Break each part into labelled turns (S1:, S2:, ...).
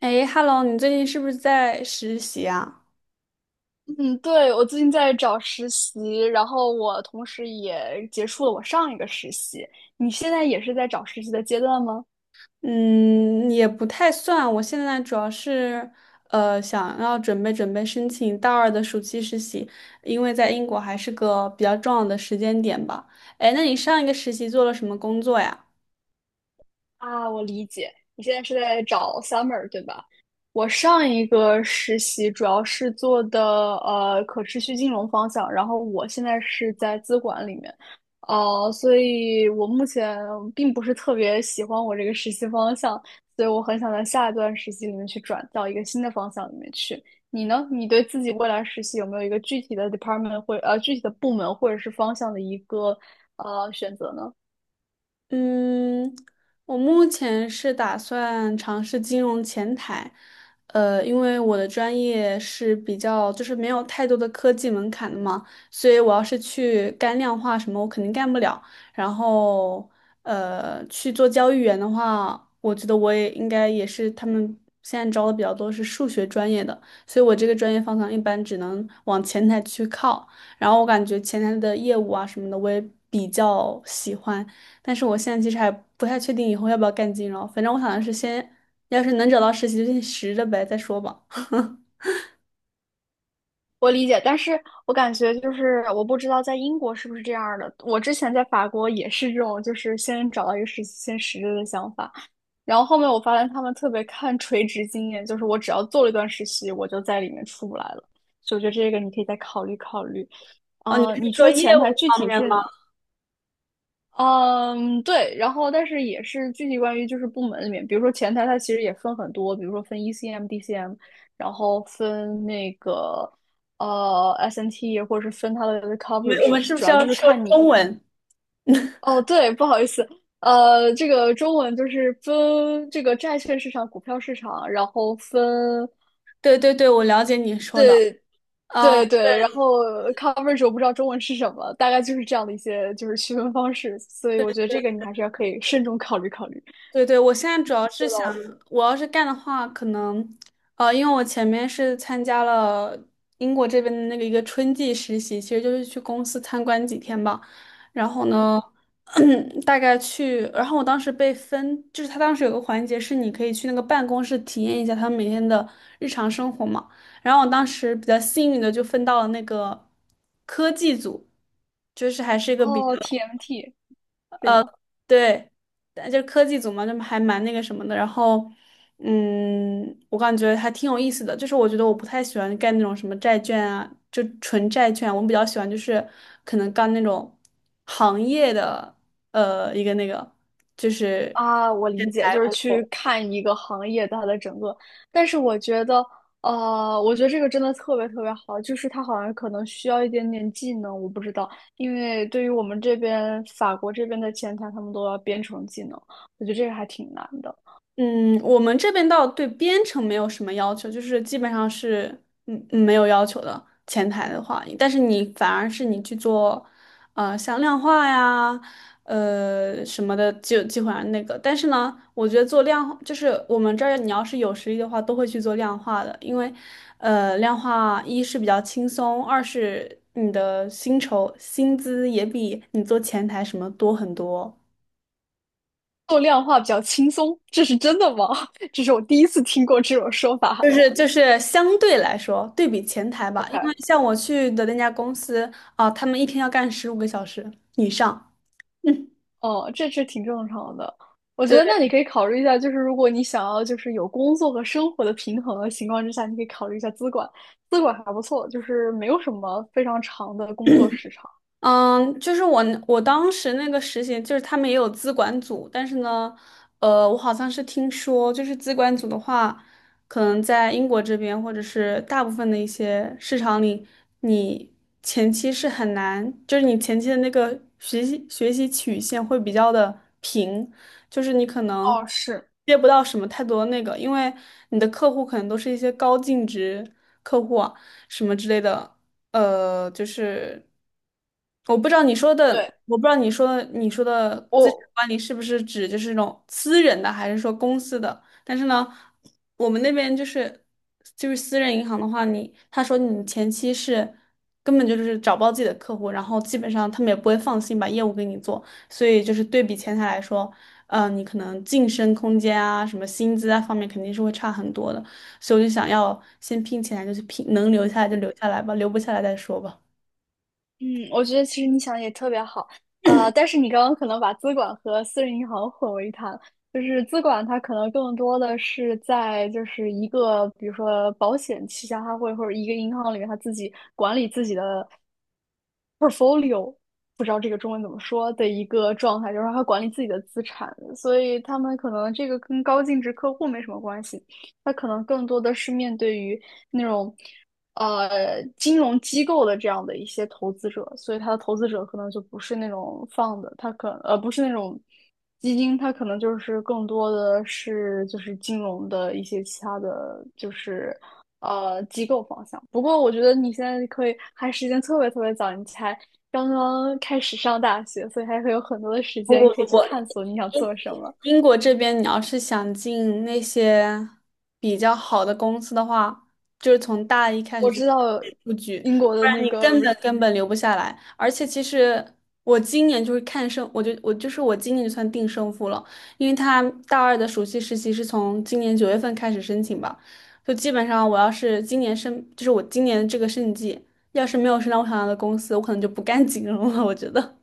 S1: 哎，Hello，你最近是不是在实习啊？
S2: 嗯，对，我最近在找实习，然后我同时也结束了我上一个实习。你现在也是在找实习的阶段吗？
S1: 嗯，也不太算，我现在主要是想要准备准备申请大二的暑期实习，因为在英国还是个比较重要的时间点吧。哎，那你上一个实习做了什么工作呀？
S2: 啊，我理解，你现在是在找 summer 对吧？我上一个实习主要是做的可持续金融方向，然后我现在是在资管里面，所以我目前并不是特别喜欢我这个实习方向，所以我很想在下一段实习里面去转到一个新的方向里面去。你呢？你对自己未来实习有没有一个具体的 department 或具体的部门或者是方向的一个选择呢？
S1: 嗯，我目前是打算尝试金融前台，因为我的专业是比较就是没有太多的科技门槛的嘛，所以我要是去干量化什么，我肯定干不了。然后，去做交易员的话，我觉得我也应该也是他们现在招的比较多是数学专业的，所以我这个专业方向一般只能往前台去靠。然后我感觉前台的业务啊什么的，我也比较喜欢。但是我现在其实还不太确定以后要不要干金融，反正我想的是先，要是能找到实习就先实着呗，再说吧。
S2: 我理解，但是我感觉就是我不知道在英国是不是这样儿的。我之前在法国也是这种，就是先找到一个实习先实习的想法，然后后面我发现他们特别看垂直经验，就是我只要做了一段实习，我就在里面出不来了。所以我觉得这个你可以再考虑考虑。
S1: 哦，你
S2: 你
S1: 是说
S2: 说
S1: 业
S2: 前
S1: 务
S2: 台具
S1: 方
S2: 体
S1: 面吗？
S2: 是。嗯，对，然后但是也是具体关于就是部门里面，比如说前台它其实也分很多，比如说分 ECM、DCM，然后分那个SNT，或者是分它的
S1: 我们
S2: coverage，
S1: 是不
S2: 主
S1: 是
S2: 要
S1: 要
S2: 就是
S1: 说
S2: 看
S1: 中
S2: 你。
S1: 文？
S2: 哦，对，不好意思，这个中文就是分这个债券市场、股票市场，然后分。
S1: 对对对，我了解你说的。
S2: 对
S1: 啊。
S2: 对对，然后coverage 我不知道中文是什么，大概就是这样的一些就是区分方式，所以我觉得这个你还是要可以慎重考虑考虑。
S1: 对对，我现在主要是
S2: 做
S1: 想，
S2: 到。
S1: 我要是干的话，可能，因为我前面是参加了英国这边的那个一个春季实习，其实就是去公司参观几天吧。然后呢，大概去，然后我当时被分，就是他当时有个环节是你可以去那个办公室体验一下他们每天的日常生活嘛。然后我当时比较幸运的就分到了那个科技组，就是还是一个比较
S2: 哦，TMT 是吗？
S1: 对，但就是科技组嘛，就还蛮那个什么的。然后，我感觉还挺有意思的。就是我觉得我不太喜欢干那种什么债券啊，就纯债券啊。我比较喜欢就是可能干那种行业的，一个那个就是。
S2: 啊，我理解，就是去看一个行业它的整个，但是我觉得这个真的特别特别好，就是它好像可能需要一点点技能，我不知道，因为对于我们这边法国这边的前台，他们都要编程技能，我觉得这个还挺难的。
S1: 嗯，我们这边倒对编程没有什么要求，就是基本上是没有要求的。前台的话，但是你反而是你去做，像量化呀，什么的，就基本上那个。但是呢，我觉得做量化，就是我们这儿你要是有实力的话，都会去做量化的，因为，量化一是比较轻松，二是你的薪酬薪资也比你做前台什么多很多。
S2: 做量化比较轻松，这是真的吗？这是我第一次听过这种说法。
S1: 就是相对来说，对比前台吧，因为
S2: OK。
S1: 像我去的那家公司啊，他们一天要干15个小时以上。嗯，
S2: 哦，这是挺正常的。我觉得
S1: 对。
S2: 那你可以考虑一下，就是如果你想要就是有工作和生活的平衡的情况之下，你可以考虑一下资管，资管还不错，就是没有什么非常长的工作时长。
S1: 嗯，就是我当时那个实习，就是他们也有资管组，但是呢，我好像是听说，就是资管组的话，可能在英国这边或者是大部分的一些市场里，你前期是很难，就是你前期的那个学习曲线会比较的平，就是你可能
S2: 哦，是，
S1: 接不到什么太多的那个，因为你的客户可能都是一些高净值客户啊，什么之类的。就是我不知道你说的，
S2: 对，
S1: 我不知道你说的资产
S2: 我
S1: 管理是不是指就是那种私人的，还是说公司的？但是呢，我们那边就是私人银行的话，你他说你前期是根本就是找不到自己的客户，然后基本上他们也不会放心把业务给你做，所以就是对比前台来说，你可能晋升空间啊，什么薪资啊方面肯定是会差很多的，所以我就想要先拼起来，就是拼能留下来就留下来吧，留不下来再说吧。
S2: 嗯，我觉得其实你想的也特别好，但是你刚刚可能把资管和私人银行混为一谈，就是资管它可能更多的是在就是一个比如说保险旗下，它会或者一个银行里面它自己管理自己的 portfolio，不知道这个中文怎么说的一个状态，就是它管理自己的资产，所以他们可能这个跟高净值客户没什么关系，他可能更多的是面对于。那种金融机构的这样的一些投资者，所以他的投资者可能就不是那种放的，他不是那种基金，他可能就是更多的是就是金融的一些其他的就是机构方向。不过我觉得你现在可以还时间特别特别早，你才刚刚开始上大学，所以还会有很多的时间可以去探索你想做什么。
S1: 英国这边，你要是想进那些比较好的公司的话，就是从大一开始
S2: 我
S1: 就开
S2: 知道
S1: 始布局，
S2: 英国
S1: 不
S2: 的
S1: 然
S2: 那
S1: 你
S2: 个。
S1: 根本根本留不下来。而且其实我今年就是看胜，我今年就算定胜负了，因为他大二的暑期实习是从今年9月份开始申请吧，就基本上我要是今年申，就是我今年这个胜季，要是没有申到我想要的公司，我可能就不干金融了，我觉得。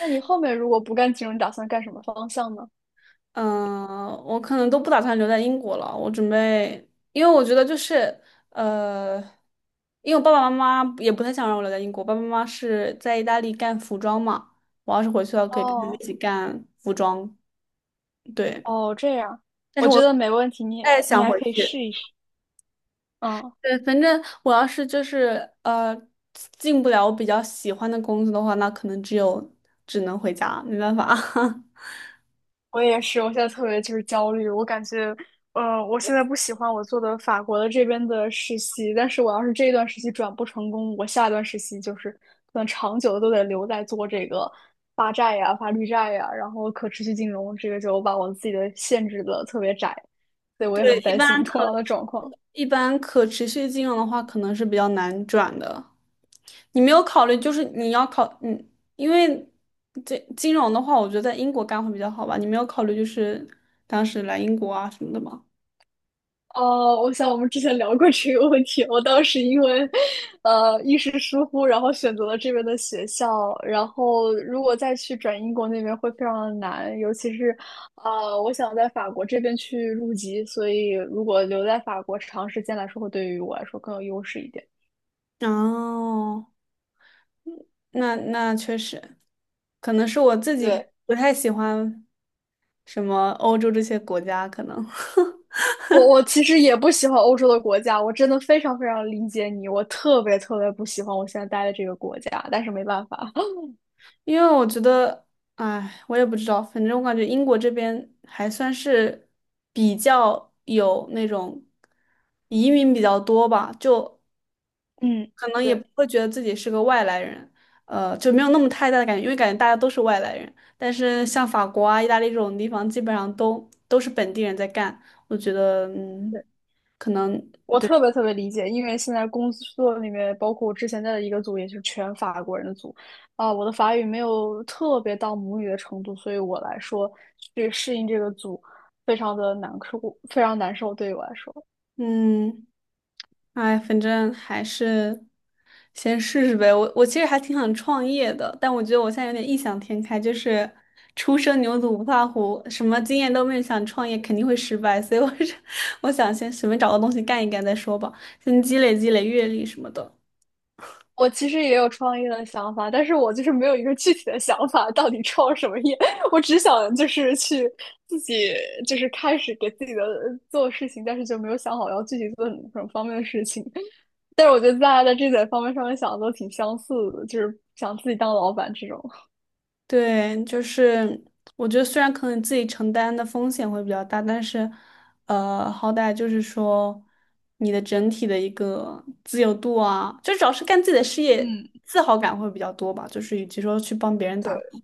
S2: 那你后面如果不干金融，你打算干什么方向呢？
S1: 嗯，我可能都不打算留在英国了。我准备，因为我觉得就是，呃，因为我爸爸妈妈也不太想让我留在英国。爸爸妈妈是在意大利干服装嘛，我要是回去了，可以跟他们
S2: 哦
S1: 一起干服装。对，
S2: 哦，这样，
S1: 但是
S2: 我觉
S1: 我不
S2: 得没问题，你
S1: 太
S2: 你
S1: 想
S2: 还
S1: 回
S2: 可以
S1: 去。
S2: 试一试。嗯，
S1: 对，反正我要是就是进不了我比较喜欢的工作的话，那可能只能回家，没办法。
S2: 我也是，我现在特别就是焦虑，我感觉，我现在不喜欢我做的法国的这边的实习，但是我要是这一段实习转不成功，我下一段实习就是可能长久的都得留在做这个发债呀、发绿债呀，然后可持续金融，这个就把我自己的限制的特别窄，所以我也
S1: 对，
S2: 很
S1: 一
S2: 担
S1: 般
S2: 心同样的状况。
S1: 可持续金融的话，可能是比较难转的。你没有考虑，就是你要考，因为这金融的话，我觉得在英国干会比较好吧。你没有考虑就是当时来英国啊什么的吗？
S2: 哦，我想我们之前聊过这个问题。我当时因为，一时疏忽，然后选择了这边的学校。然后，如果再去转英国那边会非常的难，尤其是，我想在法国这边去入籍，所以如果留在法国长时间来说，会对于我来说更有优势一点。
S1: 哦，那确实，可能是我自己
S2: 对，
S1: 不太喜欢什么欧洲这些国家，可能
S2: 我其实也不喜欢欧洲的国家，我真的非常非常理解你，我特别特别不喜欢我现在待的这个国家，但是没办法。
S1: 因为我觉得，哎，我也不知道，反正我感觉英国这边还算是比较有那种移民比较多吧，就
S2: 嗯，
S1: 可能也不
S2: 对。
S1: 会觉得自己是个外来人，就没有那么太大的感觉，因为感觉大家都是外来人。但是像法国啊、意大利这种地方，基本上都是本地人在干，我觉得，可能。
S2: 我特别特别理解，因为现在工作里面，包括我之前在的一个组，也是全法国人的组，啊、我的法语没有特别到母语的程度，所以我来说去适应这个组非常的难受，非常难受。对于我来说，
S1: 嗯，哎，反正还是先试试呗。我其实还挺想创业的，但我觉得我现在有点异想天开，就是初生牛犊不怕虎，什么经验都没有，想创业肯定会失败，所以我是 我想先随便找个东西干一干再说吧，先积累积累阅历什么的。
S2: 我其实也有创业的想法，但是我就是没有一个具体的想法，到底创什么业，我只想就是去自己就是开始给自己的做事情，但是就没有想好要具体做什么什么方面的事情。但是我觉得大家在这点方面上面想的都挺相似的，就是想自己当老板这种，
S1: 对，就是我觉得虽然可能自己承担的风险会比较大，但是，好歹就是说你的整体的一个自由度啊，就主要是干自己的事 业，
S2: 嗯，
S1: 自豪感会比较多吧。就是与其说去帮别人
S2: 对，
S1: 打工，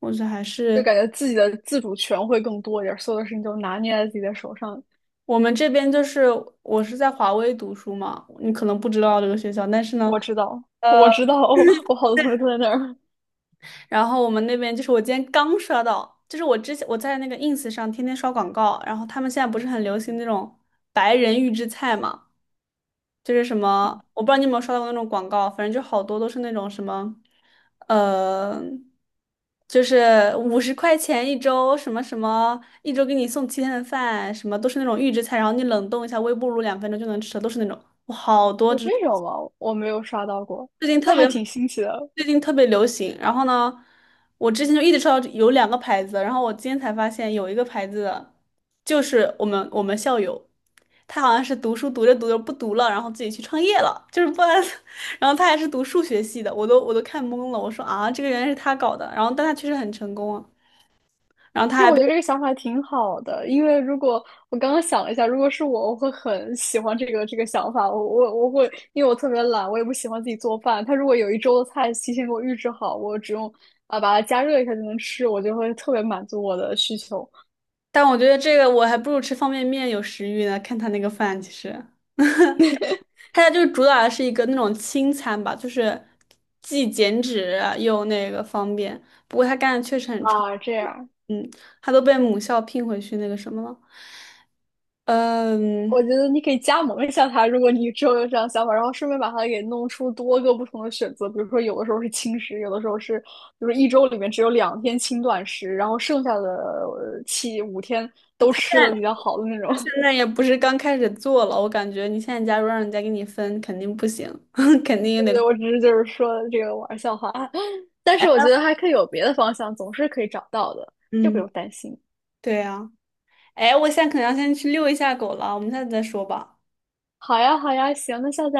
S1: 我觉得还
S2: 就
S1: 是
S2: 感觉自己的自主权会更多一点，所有的事情都拿捏在自己的手上。
S1: 我们这边就是我是在华威读书嘛，你可能不知道这个学校，但是呢。
S2: 我知道，我
S1: 呃。
S2: 知道，我好多同学都在那儿。
S1: 然后我们那边就是我今天刚刷到，就是我之前我在那个 ins 上天天刷广告，然后他们现在不是很流行那种白人预制菜嘛，就是什么我不知道你有没有刷到过那种广告，反正就好多都是那种什么，呃，就是50块钱一周，什么什么一周给你送7天的饭，什么都是那种预制菜，然后你冷冻一下，微波炉2分钟就能吃的，都是那种，我好 多
S2: 有这
S1: 只。
S2: 种吗？我没有刷到过，
S1: 最近
S2: 那
S1: 特
S2: 还
S1: 别
S2: 挺新奇的。
S1: 最近特别流行。然后呢，我之前就一直知道有两个牌子，然后我今天才发现有一个牌子的，就是我们校友，他好像是读书读着读着不读了，然后自己去创业了，就是不然，然后他还是读数学系的，我都看懵了，我说啊，这个原来是他搞的，然后但他确实很成功啊，然后他
S2: 就
S1: 还
S2: 我
S1: 被，
S2: 觉得这个想法挺好的，因为如果我刚刚想了一下，如果是我，我会很喜欢这个想法。我会，因为我特别懒，我也不喜欢自己做饭。他如果有一周的菜提前给我预制好，我只用啊把它加热一下就能吃，我就会特别满足我的需求。
S1: 但我觉得这个我还不如吃方便面有食欲呢，看他那个饭其实。他家就是主打的是一个那种轻餐吧，就是既减脂又那个方便。不过他干的确实很成
S2: 啊。这
S1: 功，
S2: 样，
S1: 嗯，他都被母校聘回去那个什么了。嗯，
S2: 我觉得你可以加盟一下他，如果你之后有这样想法，然后顺便把它给弄出多个不同的选择，比如说有的时候是轻食，有的时候是，比如说一周里面只有2天轻断食，然后剩下的七五天都吃
S1: 在
S2: 的比较好的那种。
S1: 他现在 也不是刚开始做了，我感觉你现在假如让人家给你分，肯定不行，肯定也
S2: 对
S1: 得，
S2: 对，我只是就是说这个玩笑话，但是我觉得还可以有别的方向，总是可以找到的，这不
S1: 嗯，
S2: 用担心。
S1: 对啊。哎，我现在可能要先去遛一下狗了，我们下次再说吧。
S2: 好呀，好呀，行，那下次。